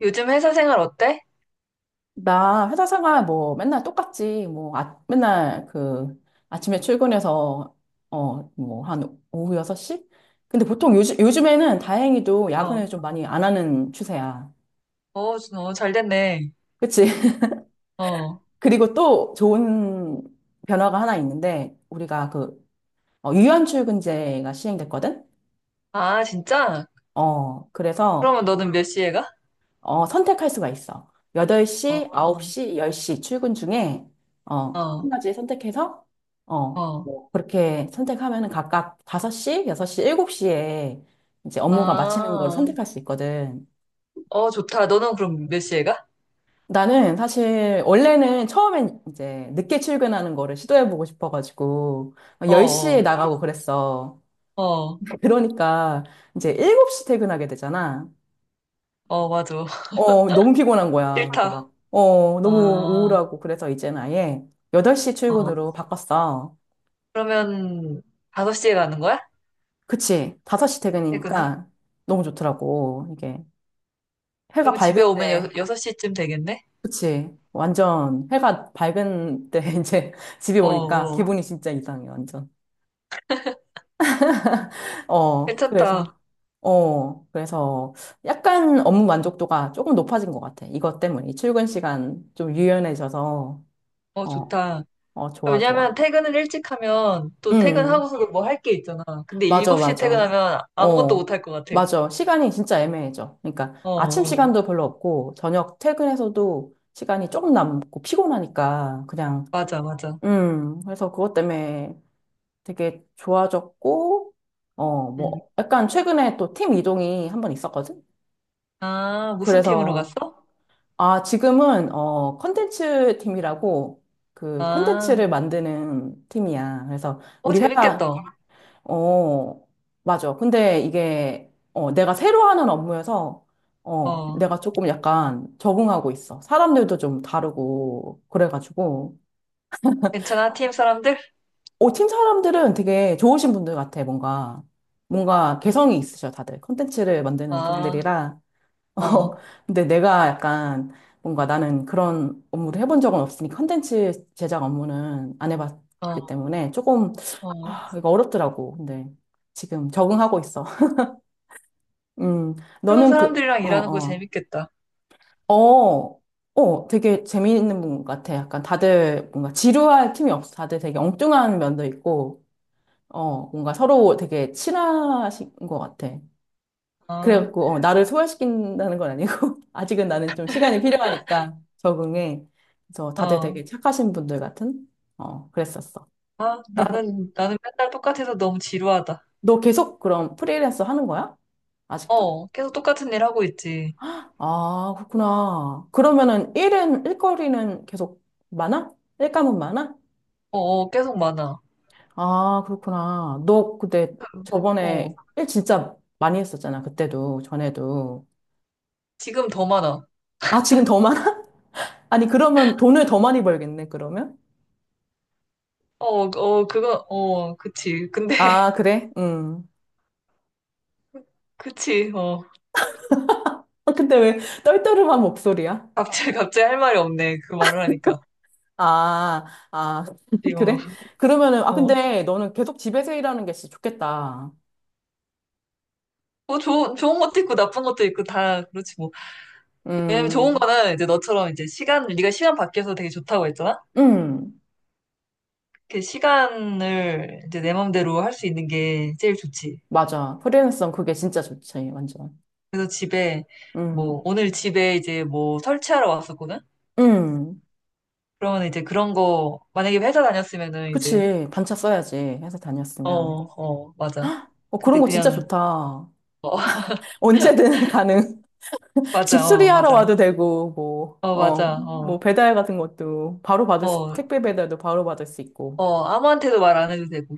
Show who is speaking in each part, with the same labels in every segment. Speaker 1: 요즘 회사 생활 어때?
Speaker 2: 나 회사 생활 뭐 맨날 똑같지. 뭐 아, 맨날 그 아침에 출근해서 뭐 한 오후 6시? 근데 보통 요즘에는 다행히도
Speaker 1: 어,
Speaker 2: 야근을 좀 많이 안 하는 추세야.
Speaker 1: 어, 어, 잘 됐네.
Speaker 2: 그치?
Speaker 1: 어.
Speaker 2: 그리고 또 좋은 변화가 하나 있는데 우리가 유연 출근제가 시행됐거든?
Speaker 1: 아, 진짜?
Speaker 2: 그래서
Speaker 1: 그러면 너는 몇 시에 가?
Speaker 2: 선택할 수가 있어.
Speaker 1: 어,
Speaker 2: 8시, 9시, 10시 출근 중에, 어, 한
Speaker 1: 어,
Speaker 2: 가지 선택해서,
Speaker 1: 어.
Speaker 2: 뭐, 그렇게 선택하면은 각각 5시, 6시, 7시에 이제 업무가 마치는 걸
Speaker 1: 아,
Speaker 2: 선택할 수 있거든.
Speaker 1: 어, 좋다. 너는 그럼 몇 시에 가?
Speaker 2: 나는 사실, 원래는 처음엔 이제 늦게 출근하는 거를 시도해보고 싶어가지고,
Speaker 1: 어,
Speaker 2: 10시에
Speaker 1: 어,
Speaker 2: 나가고 그랬어.
Speaker 1: 어,
Speaker 2: 그러니까 이제 7시 퇴근하게 되잖아.
Speaker 1: 어, 맞아.
Speaker 2: 너무 피곤한 거야. 그리고
Speaker 1: 싫다.
Speaker 2: 막, 너무
Speaker 1: 아,
Speaker 2: 우울하고. 그래서 이제는 아예 8시
Speaker 1: 어.
Speaker 2: 출근으로 바꿨어.
Speaker 1: 그러면 다섯 시에 가는 거야?
Speaker 2: 그치. 5시
Speaker 1: 퇴근을?
Speaker 2: 퇴근이니까 너무 좋더라고. 이게 해가
Speaker 1: 그러면
Speaker 2: 밝을
Speaker 1: 집에 오면
Speaker 2: 때,
Speaker 1: 여, 섯시쯤 되겠네?
Speaker 2: 그치. 완전 해가 밝은 때 이제 집에
Speaker 1: 어,
Speaker 2: 오니까
Speaker 1: 어.
Speaker 2: 기분이 진짜 이상해, 완전. 어,
Speaker 1: 괜찮다.
Speaker 2: 그래서, 그래서 약간 업무 만족도가 조금 높아진 것 같아. 이것 때문에. 이 출근 시간 좀 유연해져서,
Speaker 1: 어,
Speaker 2: 어,
Speaker 1: 좋다.
Speaker 2: 좋아,
Speaker 1: 왜냐면
Speaker 2: 좋아.
Speaker 1: 퇴근을 일찍 하면 또
Speaker 2: 음.
Speaker 1: 퇴근하고서도 뭐 할 게 있잖아. 근데
Speaker 2: 맞아,
Speaker 1: 7시에
Speaker 2: 맞아.
Speaker 1: 퇴근하면 아무것도 못
Speaker 2: 어,
Speaker 1: 할 것 같아.
Speaker 2: 맞아. 시간이 진짜 애매해져. 그러니까
Speaker 1: 어,
Speaker 2: 아침
Speaker 1: 어.
Speaker 2: 시간도 별로 없고, 저녁 퇴근해서도 시간이 조금 남고, 피곤하니까, 그냥,
Speaker 1: 맞아, 맞아.
Speaker 2: 그래서 그것 때문에 되게 좋아졌고,
Speaker 1: 음.
Speaker 2: 뭐, 약간 최근에 또 팀 이동이 한번 있었거든?
Speaker 1: 아, 무슨 팀으로
Speaker 2: 그래서,
Speaker 1: 갔어?
Speaker 2: 아, 지금은, 컨텐츠 팀이라고, 그
Speaker 1: 아,
Speaker 2: 컨텐츠를 만드는 팀이야. 그래서
Speaker 1: 어,
Speaker 2: 우리 회사,
Speaker 1: 재밌겠다.
Speaker 2: 어, 맞아. 근데 이게, 내가 새로 하는 업무여서,
Speaker 1: 어.
Speaker 2: 내가 조금 약간 적응하고 있어. 사람들도 좀 다르고, 그래가지고.
Speaker 1: 괜찮아, 팀 사람들?
Speaker 2: 팀 사람들은 되게 좋으신 분들 같아, 뭔가. 뭔가
Speaker 1: 응.
Speaker 2: 개성이 있으셔, 다들. 콘텐츠를 만드는
Speaker 1: 아,
Speaker 2: 분들이라. 어,
Speaker 1: 어,
Speaker 2: 근데 내가 약간, 뭔가 나는 그런 업무를 해본 적은 없으니, 콘텐츠 제작 업무는 안
Speaker 1: 어,
Speaker 2: 해봤기 때문에 조금,
Speaker 1: 어.
Speaker 2: 아, 이거 어렵더라고. 근데 지금 적응하고 있어. 음,
Speaker 1: 새로운
Speaker 2: 너는
Speaker 1: 사람들이랑 일하는 거 재밌겠다.
Speaker 2: 어, 되게 재미있는 분 같아. 약간 다들 뭔가 지루할 틈이 없어. 다들 되게 엉뚱한 면도 있고, 뭔가 서로 되게 친하신 것 같아.
Speaker 1: 아,
Speaker 2: 그래갖고, 나를 소화시킨다는 건 아니고, 아직은 나는 좀 시간이 필요하니까 적응해. 그래서 다들 되게
Speaker 1: 어.
Speaker 2: 착하신 분들 같은, 그랬었어.
Speaker 1: 아, 나는 맨날 똑같아서 너무 지루하다.
Speaker 2: 너 계속 그럼 프리랜서 하는 거야? 아직도?
Speaker 1: 어, 계속 똑같은 일 하고 있지.
Speaker 2: 아, 그렇구나. 그러면은 일은, 일거리는 계속 많아? 일감은 많아?
Speaker 1: 어, 어, 계속 많아.
Speaker 2: 아, 그렇구나. 너 근데
Speaker 1: 어,
Speaker 2: 저번에 일 진짜 많이 했었잖아. 그때도, 전에도.
Speaker 1: 지금 더 많아.
Speaker 2: 아, 지금 더 많아? 아니, 그러면 돈을 더 많이 벌겠네, 그러면?
Speaker 1: 어, 어, 그거, 어, 그치. 근데,
Speaker 2: 아, 그래? 음.
Speaker 1: 그치, 어.
Speaker 2: 아, 근데 왜 떨떠름한 목소리야?
Speaker 1: 갑자기 할 말이 없네. 그 말을 하니까.
Speaker 2: 아, 아,
Speaker 1: 이 어.
Speaker 2: 그래? 그러면은, 아,
Speaker 1: 어.
Speaker 2: 근데 너는 계속 집에서 일하는 게 진짜 좋겠다.
Speaker 1: 뭐, 좋은 것도 있고, 나쁜 것도 있고, 다, 그렇지, 뭐. 왜냐면 좋은
Speaker 2: 음,
Speaker 1: 거는 이제 너처럼 이제 시간, 네가 시간 밖에서 되게 좋다고 했잖아?
Speaker 2: 음.
Speaker 1: 그 시간을 이제 내 맘대로 할 수 있는 게 제일 좋지.
Speaker 2: 맞아. 프리랜서는 그게 진짜 좋지, 완전.
Speaker 1: 그래서 집에,
Speaker 2: 음,
Speaker 1: 뭐, 오늘 집에 이제 뭐 설치하러 왔었거든?
Speaker 2: 음,
Speaker 1: 그러면 이제 그런 거, 만약에 회사 다녔으면은 이제,
Speaker 2: 그치. 반차 써야지. 회사
Speaker 1: 어,
Speaker 2: 다녔으면.
Speaker 1: 어, 맞아.
Speaker 2: 그런
Speaker 1: 근데
Speaker 2: 거 진짜
Speaker 1: 그냥,
Speaker 2: 좋다. 언제든 가능.
Speaker 1: 맞아,
Speaker 2: 집수리
Speaker 1: 어,
Speaker 2: 하러
Speaker 1: 맞아.
Speaker 2: 와도 되고, 뭐,
Speaker 1: 어, 맞아. 어,
Speaker 2: 뭐, 배달 같은 것도 바로 받을 수,
Speaker 1: 어,
Speaker 2: 택배 배달도 바로 받을 수 있고.
Speaker 1: 어, 아무한테도 말 안 해도 되고.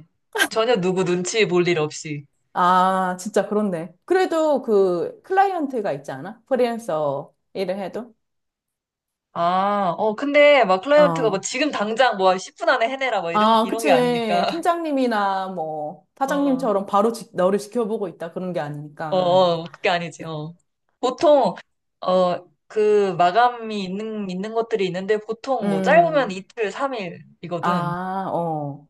Speaker 1: 전혀 누구 눈치 볼 일 없이.
Speaker 2: 아, 진짜 그렇네. 그래도 그 클라이언트가 있지 않아? 프리랜서 일을 해도?
Speaker 1: 아, 어, 근데 막 클라이언트가 뭐
Speaker 2: 어.
Speaker 1: 지금 당장 뭐 10분 안에 해내라 뭐 이런,
Speaker 2: 아,
Speaker 1: 이런 게
Speaker 2: 그치.
Speaker 1: 아니니까.
Speaker 2: 팀장님이나 뭐,
Speaker 1: 어,
Speaker 2: 사장님처럼 바로 너를 지켜보고 있다. 그런 게
Speaker 1: 어,
Speaker 2: 아니니까.
Speaker 1: 어, 그게 아니지. 어. 보통, 어, 그 마감이 있는 것들이 있는데 보통 뭐 짧으면
Speaker 2: 음.
Speaker 1: 이틀, 삼일이거든그
Speaker 2: 아, 어.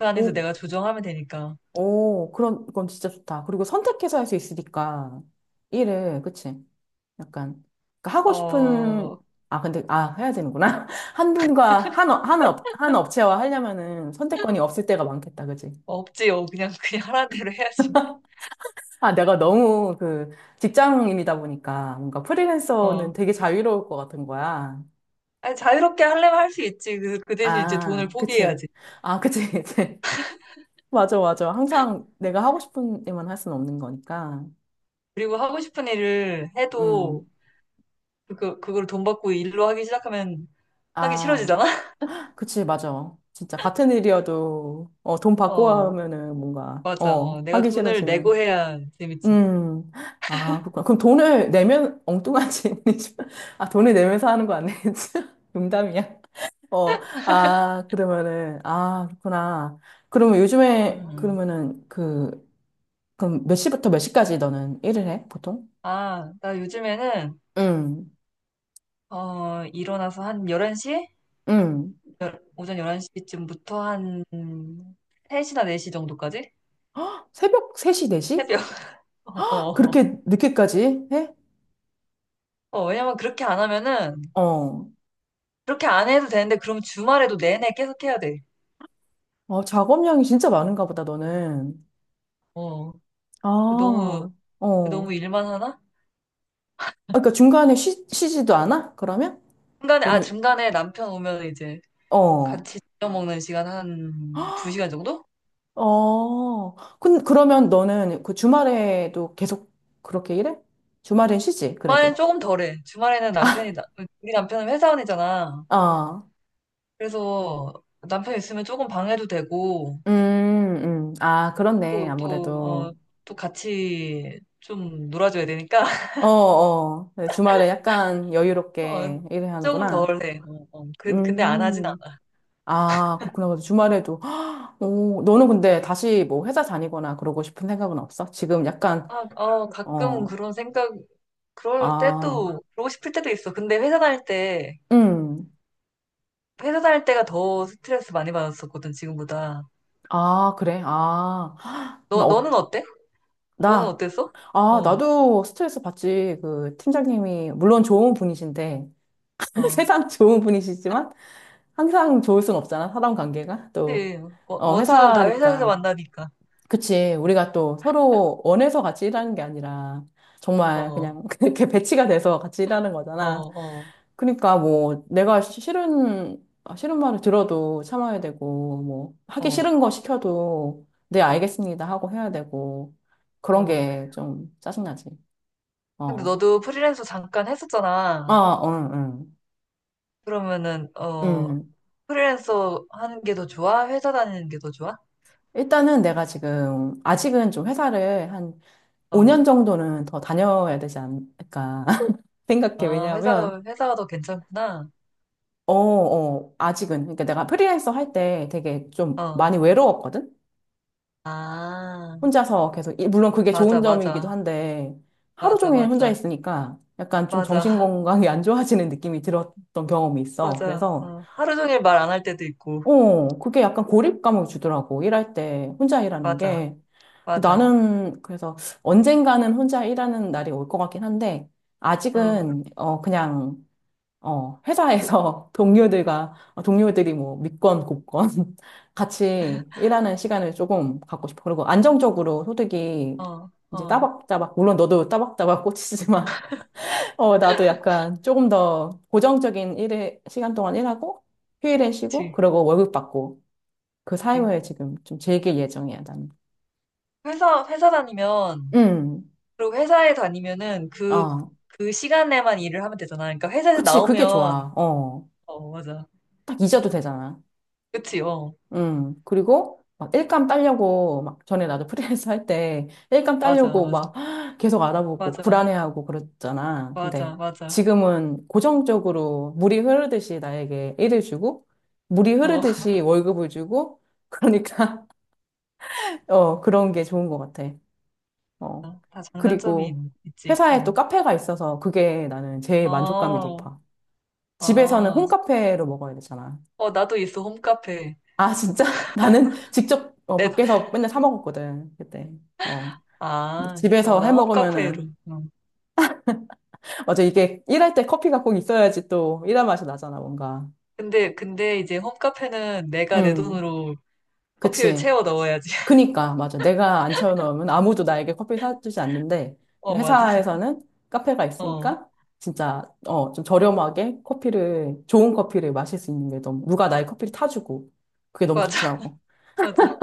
Speaker 1: 안에서
Speaker 2: 오,
Speaker 1: 내가 조정하면 되니까.
Speaker 2: 오, 그건 진짜 좋다. 그리고 선택해서 할 수 있으니까, 일을, 그치? 약간, 그러니까 하고 싶은,
Speaker 1: 어,
Speaker 2: 아, 근데, 아, 해야 되는구나. 한 분과, 한, 업- 한, 업, 한 업체와 하려면은 선택권이 없을 때가 많겠다, 그치?
Speaker 1: 없지요. 그냥, 그냥 하라는 대로 해야지.
Speaker 2: 아, 내가 너무 직장인이다 보니까, 뭔가 프리랜서는
Speaker 1: 어.
Speaker 2: 되게 자유로울 것 같은 거야.
Speaker 1: 아니, 자유롭게 하려면 할 수 있지. 그, 그 대신 이제 돈을
Speaker 2: 아, 그치.
Speaker 1: 포기해야지.
Speaker 2: 아, 그치, 그치. 맞아, 맞아. 항상 내가 하고 싶은 일만 할 수는 없는 거니까.
Speaker 1: 그리고 하고 싶은 일을
Speaker 2: 음.
Speaker 1: 해도, 그걸 돈 받고 일로 하기 시작하면 하기
Speaker 2: 아,
Speaker 1: 싫어지잖아?
Speaker 2: 그치, 맞아. 진짜 같은 일이어도 돈 받고
Speaker 1: 어,
Speaker 2: 하면은 뭔가
Speaker 1: 맞아. 어, 내가
Speaker 2: 하기
Speaker 1: 돈을 내고
Speaker 2: 싫어지는.
Speaker 1: 해야 재밌지.
Speaker 2: 음. 아, 그렇구나. 그럼 돈을 내면 엉뚱한 이지 아, 돈을 내면서 하는 거 아니겠지? 농담이야. 어. 아, 그러면은 아, 그렇구나. 그러면 요즘에
Speaker 1: 음.
Speaker 2: 그러면은 그 그럼 몇 시부터 몇 시까지 너는 일을 해? 보통?
Speaker 1: 아, 나 요즘에는,
Speaker 2: 응
Speaker 1: 어, 일어나서 한 11시?
Speaker 2: 응
Speaker 1: 오전 11시쯤부터 한 3시나 4시 정도까지?
Speaker 2: 새벽 3시, 4시?
Speaker 1: 새벽. 어, 어,
Speaker 2: 그렇게 늦게까지 해?
Speaker 1: 어. 왜냐면 그렇게 안 하면은,
Speaker 2: 어.
Speaker 1: 그렇게 안 해도 되는데, 그럼 주말에도 내내 계속 해야 돼.
Speaker 2: 작업량이 진짜 많은가 보다, 너는.
Speaker 1: 어,
Speaker 2: 아,
Speaker 1: 너무
Speaker 2: 어.
Speaker 1: 너무 일만 하나?
Speaker 2: 아, 그러니까 중간에 쉬지도 않아? 그러면?
Speaker 1: 중간에, 아,
Speaker 2: 너는,
Speaker 1: 중간에 남편 오면 이제
Speaker 2: 어,
Speaker 1: 같이 저녁 먹는 시간 한 두시간 정도?
Speaker 2: 어. 그러면 너는 그 주말에도 계속 그렇게 일해? 주말엔 쉬지,
Speaker 1: 주말엔
Speaker 2: 그래도.
Speaker 1: 조금 덜해. 주말에는 우리 남편은 회사원이잖아.
Speaker 2: 아,
Speaker 1: 그래서 남편 있으면 조금 방해도 되고,
Speaker 2: 음, 아, 그렇네,
Speaker 1: 또, 또, 어,
Speaker 2: 아무래도.
Speaker 1: 또 같이 좀 놀아줘야 되니까,
Speaker 2: 주말에 약간
Speaker 1: 어,
Speaker 2: 여유롭게 일을
Speaker 1: 조금
Speaker 2: 하는구나.
Speaker 1: 덜해. 어, 어. 근데 안 하진
Speaker 2: 음.
Speaker 1: 않아.
Speaker 2: 아, 그렇구나. 그래서 주말에도. 오, 너는 근데 다시 뭐 회사 다니거나 그러고 싶은 생각은 없어? 지금 약간,
Speaker 1: 아, 어, 가끔
Speaker 2: 어,
Speaker 1: 그런 생각, 그럴
Speaker 2: 아,
Speaker 1: 때도, 그러고 싶을 때도 있어. 근데 회사 다닐 때,
Speaker 2: 음,
Speaker 1: 회사 다닐 때가 더 스트레스 많이 받았었거든, 지금보다.
Speaker 2: 아, 그래. 아, 나,
Speaker 1: 너는
Speaker 2: 어,
Speaker 1: 어때? 너는
Speaker 2: 나,
Speaker 1: 어땠어?
Speaker 2: 아,
Speaker 1: 어,
Speaker 2: 나도 스트레스 받지. 그 팀장님이, 물론 좋은 분이신데,
Speaker 1: 어.
Speaker 2: 세상 좋은 분이시지만, 항상 좋을 순 없잖아. 사람 관계가. 또,
Speaker 1: 그치. 원수는 다 회사에서
Speaker 2: 회사니까.
Speaker 1: 만나니까.
Speaker 2: 그치. 우리가 또 서로 원해서 같이 일하는 게 아니라
Speaker 1: 어,
Speaker 2: 정말
Speaker 1: 어,
Speaker 2: 그냥 그렇게 배치가 돼서 같이 일하는 거잖아.
Speaker 1: 어,
Speaker 2: 그러니까 뭐 내가 싫은 말을 들어도 참아야 되고, 뭐 하기
Speaker 1: 어,
Speaker 2: 싫은 거 시켜도 네, 알겠습니다 하고 해야 되고, 그런
Speaker 1: 어.
Speaker 2: 게 좀 짜증나지.
Speaker 1: 근데
Speaker 2: 어.
Speaker 1: 너도 프리랜서 잠깐
Speaker 2: 아,
Speaker 1: 했었잖아.
Speaker 2: 어, 응,
Speaker 1: 그러면은,
Speaker 2: 응.
Speaker 1: 어,
Speaker 2: 음.
Speaker 1: 프리랜서 하는 게 더 좋아? 회사 다니는 게 더 좋아?
Speaker 2: 일단은 내가 지금 아직은 좀 회사를 한
Speaker 1: 어,
Speaker 2: 5년 정도는 더 다녀야 되지 않을까 생각해.
Speaker 1: 아,
Speaker 2: 왜냐하면
Speaker 1: 회사가 더 괜찮구나.
Speaker 2: 아직은. 그러니까 내가 프리랜서 할 때 되게 좀
Speaker 1: 어,
Speaker 2: 많이 외로웠거든?
Speaker 1: 아,
Speaker 2: 혼자서 계속, 물론 그게
Speaker 1: 맞아,
Speaker 2: 좋은 점이기도
Speaker 1: 맞아.
Speaker 2: 한데, 하루
Speaker 1: 맞아,
Speaker 2: 종일 혼자
Speaker 1: 맞아.
Speaker 2: 있으니까 약간 좀 정신
Speaker 1: 맞아,
Speaker 2: 건강이 안 좋아지는 느낌이 들었던 경험이 있어.
Speaker 1: 맞아.
Speaker 2: 그래서,
Speaker 1: 어, 하루 종일 말 안 할 때도 있고.
Speaker 2: 그게 약간 고립감을 주더라고. 일할 때 혼자 일하는
Speaker 1: 맞아.
Speaker 2: 게.
Speaker 1: 맞아.
Speaker 2: 나는 그래서 언젠가는 혼자 일하는 날이 올 것 같긴 한데,
Speaker 1: 어,
Speaker 2: 아직은, 그냥, 회사에서 동료들과, 동료들이 뭐 믿건 곱건 같이 일하는 시간을 조금 갖고 싶어. 그리고 안정적으로 소득이
Speaker 1: 어,
Speaker 2: 이제
Speaker 1: 어,
Speaker 2: 따박따박, 물론 너도 따박따박 꽂히지만, 나도 약간 조금 더 고정적인 일에, 시간 동안 일하고, 휴일에 쉬고,
Speaker 1: 그치.
Speaker 2: 그러고 월급 받고, 그
Speaker 1: 그치.
Speaker 2: 사이에 지금 좀 즐길 예정이야, 나는.
Speaker 1: 회사 다니면,
Speaker 2: 음,
Speaker 1: 그리고 회사에 다니면은 그,
Speaker 2: 어,
Speaker 1: 그 시간에만 일을 하면 되잖아. 그러니까 회사에서
Speaker 2: 그치, 그게
Speaker 1: 나오면,
Speaker 2: 좋아.
Speaker 1: 어, 맞아.
Speaker 2: 딱 잊어도 되잖아.
Speaker 1: 그치, 어.
Speaker 2: 그리고 막 일감 따려고 막 전에 나도 프리랜서 할 때 일감
Speaker 1: 맞아,
Speaker 2: 따려고
Speaker 1: 맞아.
Speaker 2: 막 계속 알아보고
Speaker 1: 맞아,
Speaker 2: 불안해하고 그랬잖아. 근데
Speaker 1: 맞아, 맞아.
Speaker 2: 지금은 고정적으로 물이 흐르듯이 나에게 일을 주고 물이
Speaker 1: 어,
Speaker 2: 흐르듯이 월급을 주고 그러니까 그런 게 좋은 것 같아. 어.
Speaker 1: 다 장단점이 있,
Speaker 2: 그리고
Speaker 1: 있지.
Speaker 2: 회사에 또
Speaker 1: 응.
Speaker 2: 카페가 있어서 그게 나는 제일 만족감이
Speaker 1: 어,
Speaker 2: 높아. 집에서는
Speaker 1: 아,
Speaker 2: 홈카페로 먹어야 되잖아.
Speaker 1: 어, 나도 있어, 홈카페.
Speaker 2: 아, 진짜? 나는 직접
Speaker 1: 내,
Speaker 2: 밖에서 맨날 사 먹었거든, 그때. 어. 근데
Speaker 1: 아, 진짜, 어,
Speaker 2: 집에서
Speaker 1: 나
Speaker 2: 해
Speaker 1: 홈카페로.
Speaker 2: 먹으면은,
Speaker 1: 응.
Speaker 2: 맞아, 이게 일할 때 커피가 꼭 있어야지 또 일할 맛이 나잖아, 뭔가.
Speaker 1: 근데 이제 홈카페는 내가 내
Speaker 2: 음,
Speaker 1: 돈으로 커피를
Speaker 2: 그치.
Speaker 1: 채워 넣어야지.
Speaker 2: 그니까, 맞아. 내가 안 채워넣으면 아무도 나에게 커피 사주지 않는데,
Speaker 1: 어, 맞아.
Speaker 2: 회사에서는 카페가
Speaker 1: 어,
Speaker 2: 있으니까, 진짜, 좀 저렴하게 커피를, 좋은 커피를 마실 수 있는 게 너무, 누가 나의 커피를 타주고, 그게 너무
Speaker 1: 맞아,
Speaker 2: 좋더라고.
Speaker 1: 맞아,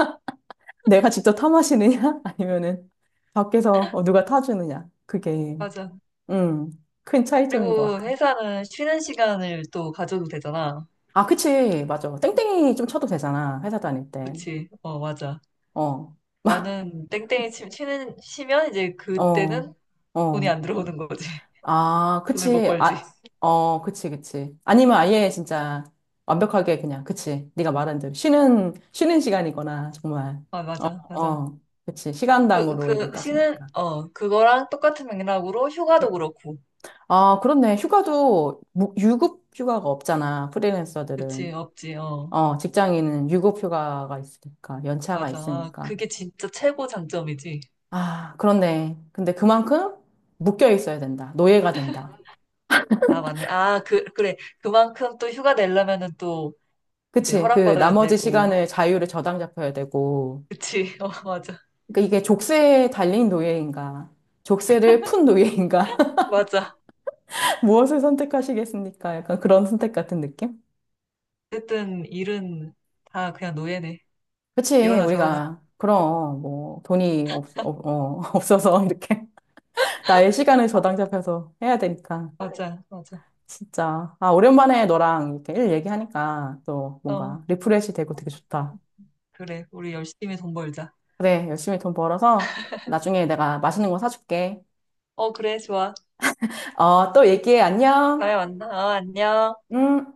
Speaker 2: 내가 직접 타 마시느냐? 아니면은 밖에서 누가 타주느냐? 그게,
Speaker 1: 맞아.
Speaker 2: 음, 큰 차이점인 것
Speaker 1: 그리고
Speaker 2: 같아.
Speaker 1: 회사는 쉬는 시간을 또 가져도 되잖아.
Speaker 2: 아, 그치. 맞아. 땡땡이 좀 쳐도 되잖아. 회사 다닐 때.
Speaker 1: 그치? 어, 맞아.
Speaker 2: 어,
Speaker 1: 나는 땡땡이 치, 쉬면 이제
Speaker 2: 어,
Speaker 1: 그때는 돈이
Speaker 2: 어.
Speaker 1: 안 들어오는 거지.
Speaker 2: 아,
Speaker 1: 돈을 못
Speaker 2: 그치.
Speaker 1: 벌지.
Speaker 2: 아, 어, 그치, 그치. 아니면 아예 진짜 완벽하게 그냥, 그치. 네가 말한 대로. 쉬는 시간이거나, 정말.
Speaker 1: 아,
Speaker 2: 어,
Speaker 1: 맞아, 맞아.
Speaker 2: 어. 그치. 시간당으로 이게
Speaker 1: 쉬는,
Speaker 2: 따지니까.
Speaker 1: 어, 그거랑 똑같은 맥락으로 휴가도 그렇고.
Speaker 2: 아, 그렇네. 휴가도 유급 휴가가 없잖아.
Speaker 1: 그치,
Speaker 2: 프리랜서들은.
Speaker 1: 없지, 어.
Speaker 2: 직장인은 유급 휴가가 있으니까, 연차가
Speaker 1: 맞아. 아,
Speaker 2: 있으니까.
Speaker 1: 그게 진짜 최고 장점이지.
Speaker 2: 아, 그렇네. 근데 그만큼 묶여 있어야 된다. 노예가 된다.
Speaker 1: 아, 맞네. 아, 그래. 그만큼 또 휴가 내려면은 또 이제
Speaker 2: 그치? 그
Speaker 1: 허락받아야
Speaker 2: 나머지
Speaker 1: 되고.
Speaker 2: 시간을 자유를 저당잡혀야 되고.
Speaker 1: 그치, 어, 맞아.
Speaker 2: 그러니까 이게 족쇄에 달린 노예인가, 족쇄를 푼 노예인가,
Speaker 1: 맞아.
Speaker 2: 무엇을 선택하시겠습니까? 약간 그런 선택 같은 느낌?
Speaker 1: 어쨌든 일은 다 그냥 노예네.
Speaker 2: 그치?
Speaker 1: 이러나 저러나.
Speaker 2: 우리가, 그럼, 뭐, 돈이 없어서 이렇게. 나의 시간을 저당잡혀서 해야 되니까.
Speaker 1: 맞아, 맞아.
Speaker 2: 진짜. 아, 오랜만에 너랑 이렇게 일 얘기하니까 또
Speaker 1: 어,
Speaker 2: 뭔가 리프레시 되고 되게 좋다.
Speaker 1: 그래. 우리 열심히 돈 벌자.
Speaker 2: 그래, 열심히 돈 벌어서 나중에 내가 맛있는 거 사줄게.
Speaker 1: 어, 그래, 좋아.
Speaker 2: 또 얘기해. 안녕.
Speaker 1: 다음에 만나. 어, 안녕.
Speaker 2: 음.